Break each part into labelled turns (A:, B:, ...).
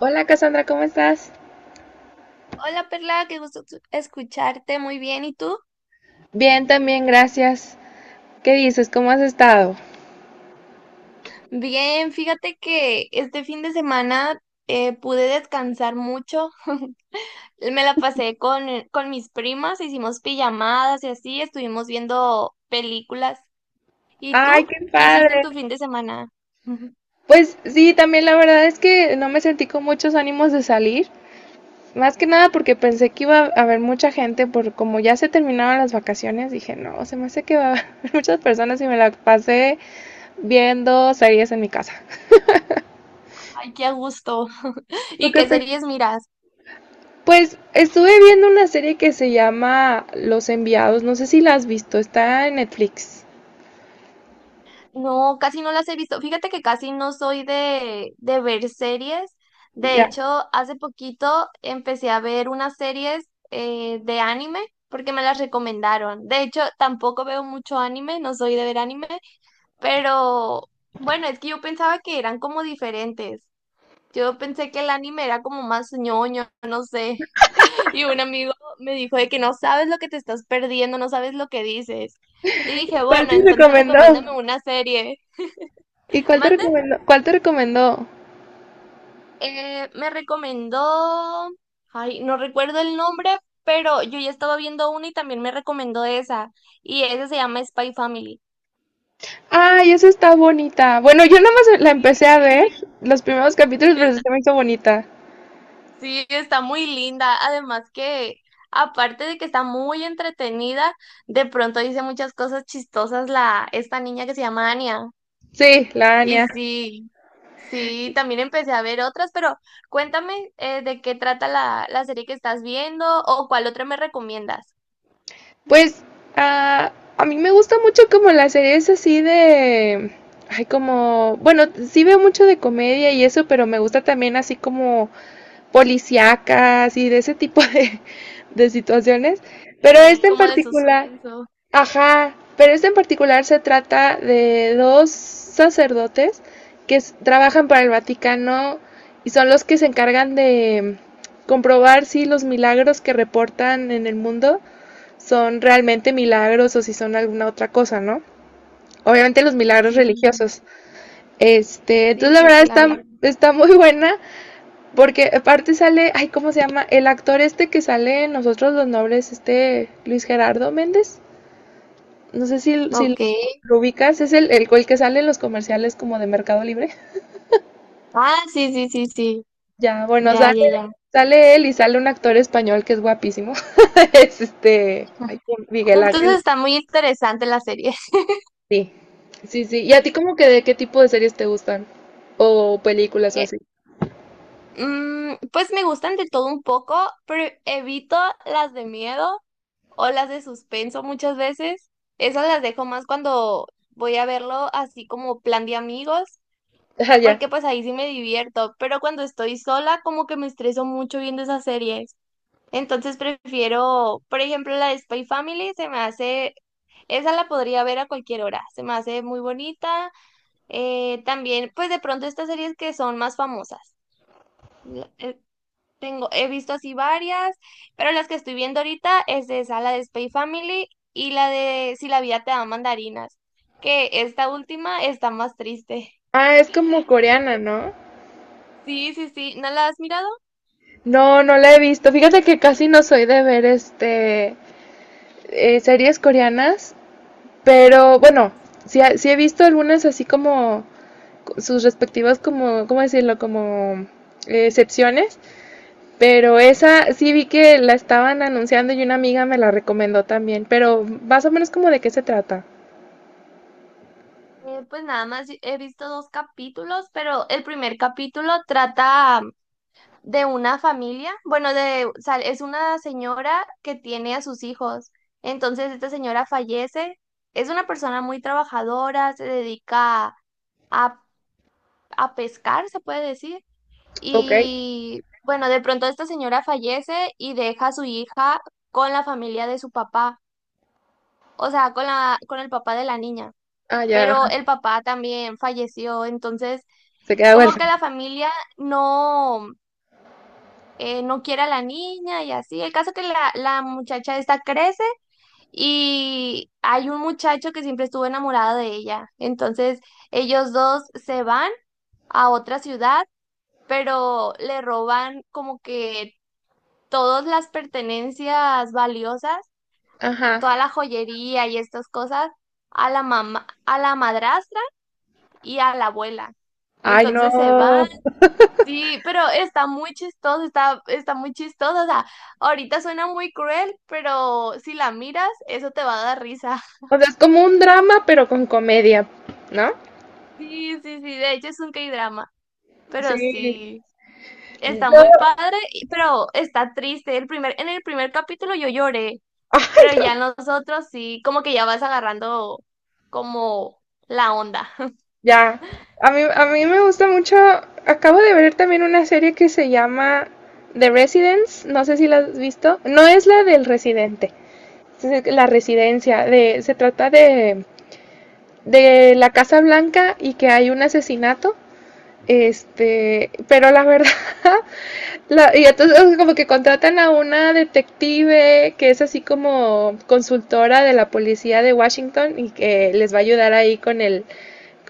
A: Hola Cassandra, ¿cómo estás?
B: Hola Perla, qué gusto escucharte, muy bien. ¿Y tú?
A: Bien, también, gracias. ¿Qué dices? ¿Cómo has estado?
B: Bien, fíjate que este fin de semana pude descansar mucho. Me la pasé con mis primas, hicimos pijamadas y así, estuvimos viendo películas. ¿Y tú?
A: Ay, qué
B: ¿Qué hiciste en
A: padre.
B: tu fin de semana?
A: Pues sí, también la verdad es que no me sentí con muchos ánimos de salir. Más que nada porque pensé que iba a haber mucha gente, por como ya se terminaron las vacaciones, dije, no, se me hace que va a haber muchas personas y me la pasé viendo series en mi casa.
B: Ay, qué a gusto.
A: ¿Tú
B: ¿Y
A: qué
B: qué
A: pe-
B: series miras?
A: Pues estuve viendo una serie que se llama Los Enviados, no sé si la has visto, está en Netflix.
B: No, casi no las he visto. Fíjate que casi no soy de ver series. De
A: Ya.
B: hecho, hace poquito empecé a ver unas series de anime porque me las recomendaron. De hecho, tampoco veo mucho anime, no soy de ver anime, pero bueno, es que yo pensaba que eran como diferentes. Yo pensé que el anime era como más ñoño, no sé. Y un amigo me dijo de que no sabes lo que te estás perdiendo, no sabes lo que dices. Y dije,
A: ¿Cuál
B: bueno,
A: te
B: entonces
A: recomendó?
B: recomiéndame una serie.
A: ¿Y cuál te
B: Mande.
A: recomendó? ¿Cuál te recomendó?
B: Me recomendó, ay, no recuerdo el nombre, pero yo ya estaba viendo una y también me recomendó esa. Y esa se llama Spy Family.
A: Ay, esa está bonita. Bueno, yo nada más la empecé a
B: Sí,
A: ver los primeros capítulos, pero
B: está,
A: se me hizo bonita.
B: sí, está muy linda. Además que, aparte de que está muy entretenida, de pronto dice muchas cosas chistosas esta niña que se llama Anya.
A: Sí, la
B: Y
A: Anya.
B: sí, sí, también empecé a ver otras, pero cuéntame de qué trata la serie que estás viendo o cuál otra me recomiendas.
A: Pues ah, a mí me gusta mucho como las series así de... Ay, como... Bueno, sí veo mucho de comedia y eso, pero me gusta también así como policíacas y de ese tipo de situaciones. Pero este en
B: Como de
A: particular,
B: suspenso.
A: ajá, pero este en particular se trata de dos sacerdotes que s- trabajan para el Vaticano y son los que se encargan de comprobar si los milagros que reportan en el mundo son realmente milagros o si son alguna otra cosa, ¿no? Obviamente los milagros
B: Sí,
A: religiosos. Este, entonces
B: sí,
A: la
B: sí,
A: verdad
B: claro.
A: está muy buena porque aparte sale, ay, ¿cómo se llama? El actor este que sale en Nosotros los Nobles, este Luis Gerardo Méndez. No sé si lo,
B: Ok.
A: lo ubicas, es el que sale en los comerciales como de Mercado Libre.
B: Ah, sí, sí, sí, sí.
A: Ya, bueno,
B: Ya, ya, ya.
A: sale él y sale un actor español que es guapísimo. es este, ay, Miguel
B: Entonces
A: Ángel.
B: está muy interesante la serie.
A: Sí, sí, sí. ¿Y a ti como que de qué tipo de series te gustan? O películas o
B: Eh,
A: así.
B: pues me gustan de todo un poco, pero evito las de miedo o las de suspenso muchas veces. Esas las dejo más cuando voy a verlo así como plan de amigos,
A: Ah, ya.
B: porque pues ahí sí me divierto, pero cuando estoy sola como que me estreso mucho viendo esas series. Entonces prefiero, por ejemplo, la de Spy Family, esa la podría ver a cualquier hora, se me hace muy bonita. También, pues de pronto estas series que son más famosas. la- eh, Tengo, he visto así varias, pero las que estoy viendo ahorita es esa, la de Spy Family y la de Si la vida te da mandarinas, que esta última está más triste.
A: Ah, es como
B: Ye-
A: coreana, ¿no?
B: Sí, sí, sí, ¿no la has mirado?
A: No, no la he visto. Fíjate que casi no soy de ver series coreanas, pero bueno, sí, ha- sí he visto algunas así como sus respectivas como, ¿cómo decirlo? Como excepciones, pero esa sí vi que la estaban anunciando y una amiga me la recomendó también, pero más o menos como de qué se trata.
B: Pues nada más he visto dos capítulos, pero el primer capítulo trata de una familia, bueno, de, o sea, es una señora que tiene a sus hijos. Entonces, esta señora fallece. Es una persona muy trabajadora, se dedica a, a pescar, se puede decir.
A: Ok.
B: Y bueno, de pronto esta señora fallece y deja a su hija con la familia de su papá, o sea, con el papá de la niña.
A: Ah, ya,
B: Pero
A: ajá,
B: el papá también falleció, entonces
A: se queda
B: como que
A: huérfana.
B: la familia no, no quiere a la niña y así. El caso que la muchacha esta crece y hay un muchacho que siempre estuvo enamorado de ella. Entonces ellos dos se van a otra ciudad, pero le roban como que todas las pertenencias valiosas,
A: Ajá.
B: toda la joyería y estas cosas a la mamá, a la madrastra y a la abuela.
A: Ay, no.
B: Entonces se van. Sí, pero está muy chistoso, está muy chistoso. O sea, ahorita suena muy cruel, pero si la miras, eso te va a dar risa.
A: O sea, es como un drama, pero con comedia, ¿no?
B: Sí, sí, sí, de hecho es un K-drama,
A: Sí.
B: pero sí, está muy
A: Yo-
B: padre, pero está triste. En el primer capítulo yo lloré, pero ya en los otros sí, como que ya vas agarrando como la onda.
A: Ya, a mí me gusta mucho, acabo de ver también una serie que se llama The Residence, no sé si la has visto, no es la del residente, es la residencia, de, se trata de la Casa Blanca y que hay un asesinato. Este, pero la verdad, la- y entonces como que contratan a una detective que es así como consultora de la policía de Washington y que les va a ayudar ahí con el,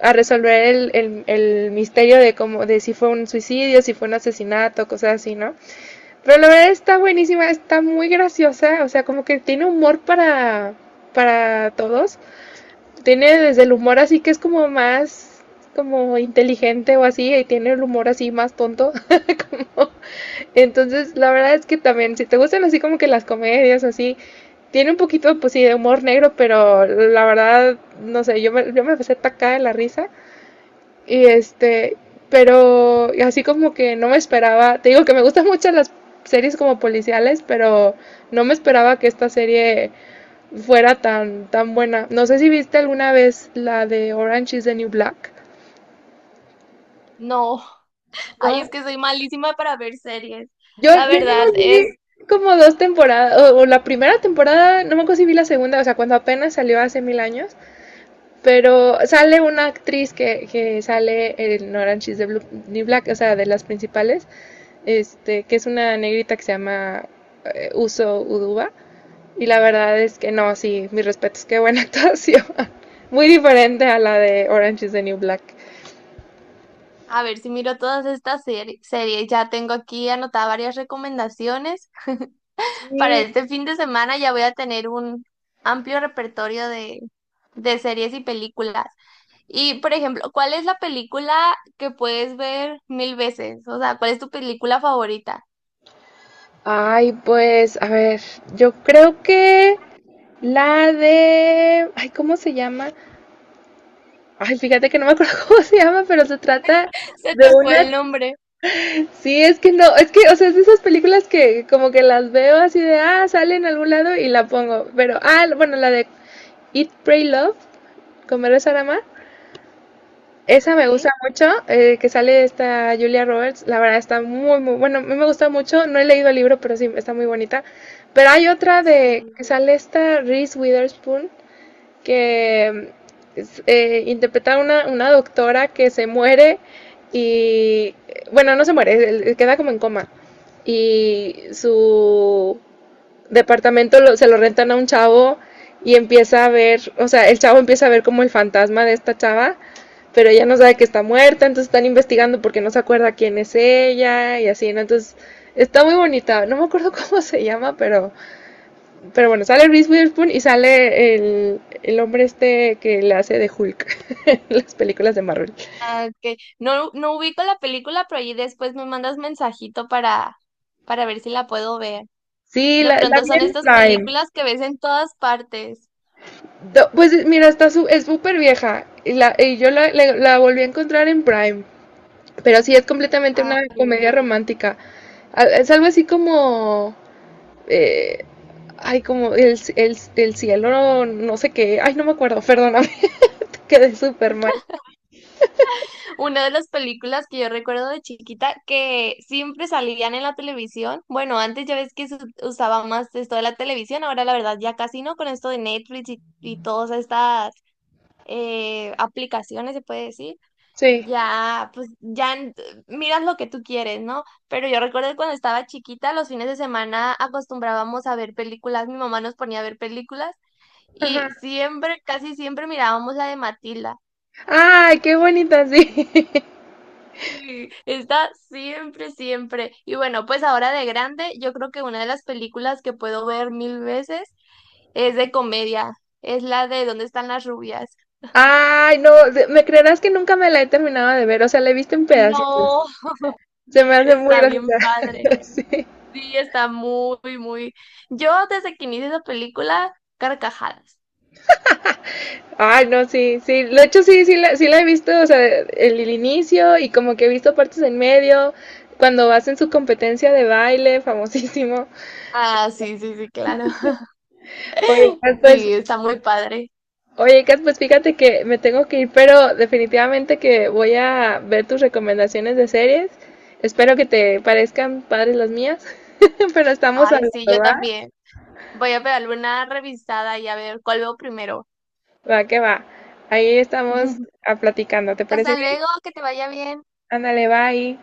A: a resolver el misterio de cómo, de si fue un suicidio, si fue un asesinato, cosas así, ¿no? Pero la verdad está buenísima, está muy graciosa, o sea, como que tiene humor para todos. Tiene desde el humor así que es como más como inteligente o así y tiene el humor así más tonto. Entonces, la verdad es que también si te gustan así como que las comedias así, tiene un poquito pues sí de humor negro, pero la verdad no sé, yo me empecé a atacar de la risa y este, pero así como que no me esperaba, te digo que me gustan mucho las series como policiales, pero no me esperaba que esta serie fuera tan, tan buena. No sé si viste alguna vez la de Orange is the New Black.
B: No, ay,
A: No,
B: es que soy malísima para ver series. La
A: yo
B: verdad,
A: no vi como dos temporadas, o la primera temporada, no me acuerdo si vi la segunda, o sea, cuando apenas salió hace mil años, pero sale una actriz que sale en Orange is the Blue- New Black, o sea, de las principales, este, que es una negrita que se llama Uso Uduba. Y la verdad es que no, sí, mis respetos, qué buena actuación. Muy diferente a la de Orange is the New Black.
B: a ver si miro todas estas series. Ya tengo aquí anotadas varias recomendaciones. Para
A: Sí.
B: este fin de semana ya voy a tener un amplio repertorio de series y películas. Y, por ejemplo, ¿cuál es la película que puedes ver mil veces? O sea, ¿cuál es tu película favorita?
A: Ay, pues, a ver, yo creo que la de... Ay, ¿cómo se llama? Ay, fíjate que no me acuerdo cómo se llama, pero se trata
B: Se
A: de
B: te fue
A: una...
B: el nombre.
A: Sí, es que no, es que, o sea, es de esas películas que como que las veo así de, ah, sale en algún lado y la pongo. Pero, ah, bueno, la de Eat, Pray, Love, Comer, Rezar, Amar. Esa me gusta
B: Ok,
A: mucho, que sale esta Julia Roberts. La verdad está muy, muy bueno. A mí me gusta mucho. No he leído el libro, pero sí está muy bonita. Pero hay otra de que
B: sí.
A: sale esta Reese Witherspoon, que interpreta una doctora que se muere y, bueno, no se muere, él- él queda como en coma. Y su departamento lo- se lo rentan a un chavo y empieza a ver, o sea, el chavo empieza a ver como el fantasma de esta chava, pero ella no sabe que está muerta, entonces están investigando porque no se acuerda quién es ella y así, ¿no? Entonces está muy bonita, no me acuerdo cómo se llama, pero bueno, sale Reese Witherspoon y sale el hombre este que le hace de Hulk en las películas de Marvel.
B: Ah, ok. No, no ubico la película, pero ahí después me mandas mensajito para ver si la puedo ver.
A: Sí,
B: De
A: la
B: pronto
A: vi
B: son
A: en
B: estas
A: Prime.
B: películas que ves en todas partes.
A: Do- Pues mira, está su- es súper vieja. Y, la, y yo la- la volví a encontrar en Prime. Pero sí, es completamente
B: Ah,
A: una
B: ok.
A: comedia romántica. Al- Es algo así como... eh, ay, como c- c- el cielo, no, no sé qué. Ay, no me acuerdo, perdóname, quedé súper mal.
B: Una de las películas que yo recuerdo de chiquita que siempre salían en la televisión. Bueno, antes ya ves que se usaba más esto de la televisión, ahora la verdad ya casi no con esto de Netflix y todas estas aplicaciones, se puede decir.
A: Sí.
B: Ya, pues ya miras lo que tú quieres, ¿no? Pero yo recuerdo que cuando estaba chiquita, los fines de semana acostumbrábamos a ver películas, mi mamá nos ponía a ver películas.
A: Ajá.
B: Y siempre, casi siempre mirábamos la de Matilda.
A: Ay, qué bonita, sí.
B: Sí, está siempre, siempre. Y bueno, pues ahora de grande, yo creo que una de las películas que puedo ver mil veces es de comedia. Es la de ¿Dónde están las rubias?
A: Ay, no, se- me creerás que nunca me la he terminado de ver, o sea, la he visto en pedacitos.
B: No,
A: Se me hace muy
B: está bien
A: graciosa.
B: padre.
A: Sí.
B: Sí, está muy, muy. Yo desde que inicié esa película, carcajadas.
A: Ay, no, sí, sí. De hecho, sí, sí la he visto, o sea, el inicio y como que he visto partes en medio, cuando hacen su competencia de baile, famosísimo.
B: Ah, sí, sí, sí, claro.
A: Oye, Kat, pues,
B: Sí, está muy padre.
A: oye, Kat, pues fíjate que me tengo que ir, pero definitivamente que voy a ver tus recomendaciones de series. Espero que te parezcan padres las mías, pero estamos
B: Ay, sí, yo
A: hablando, ¿va?
B: también. Voy a pegarle una revisada y a ver cuál veo primero.
A: Va que va. Ahí estamos
B: Ujú.
A: a platicando, ¿te parece
B: Hasta
A: bien?
B: luego, que te vaya bien.
A: Ándale, bye.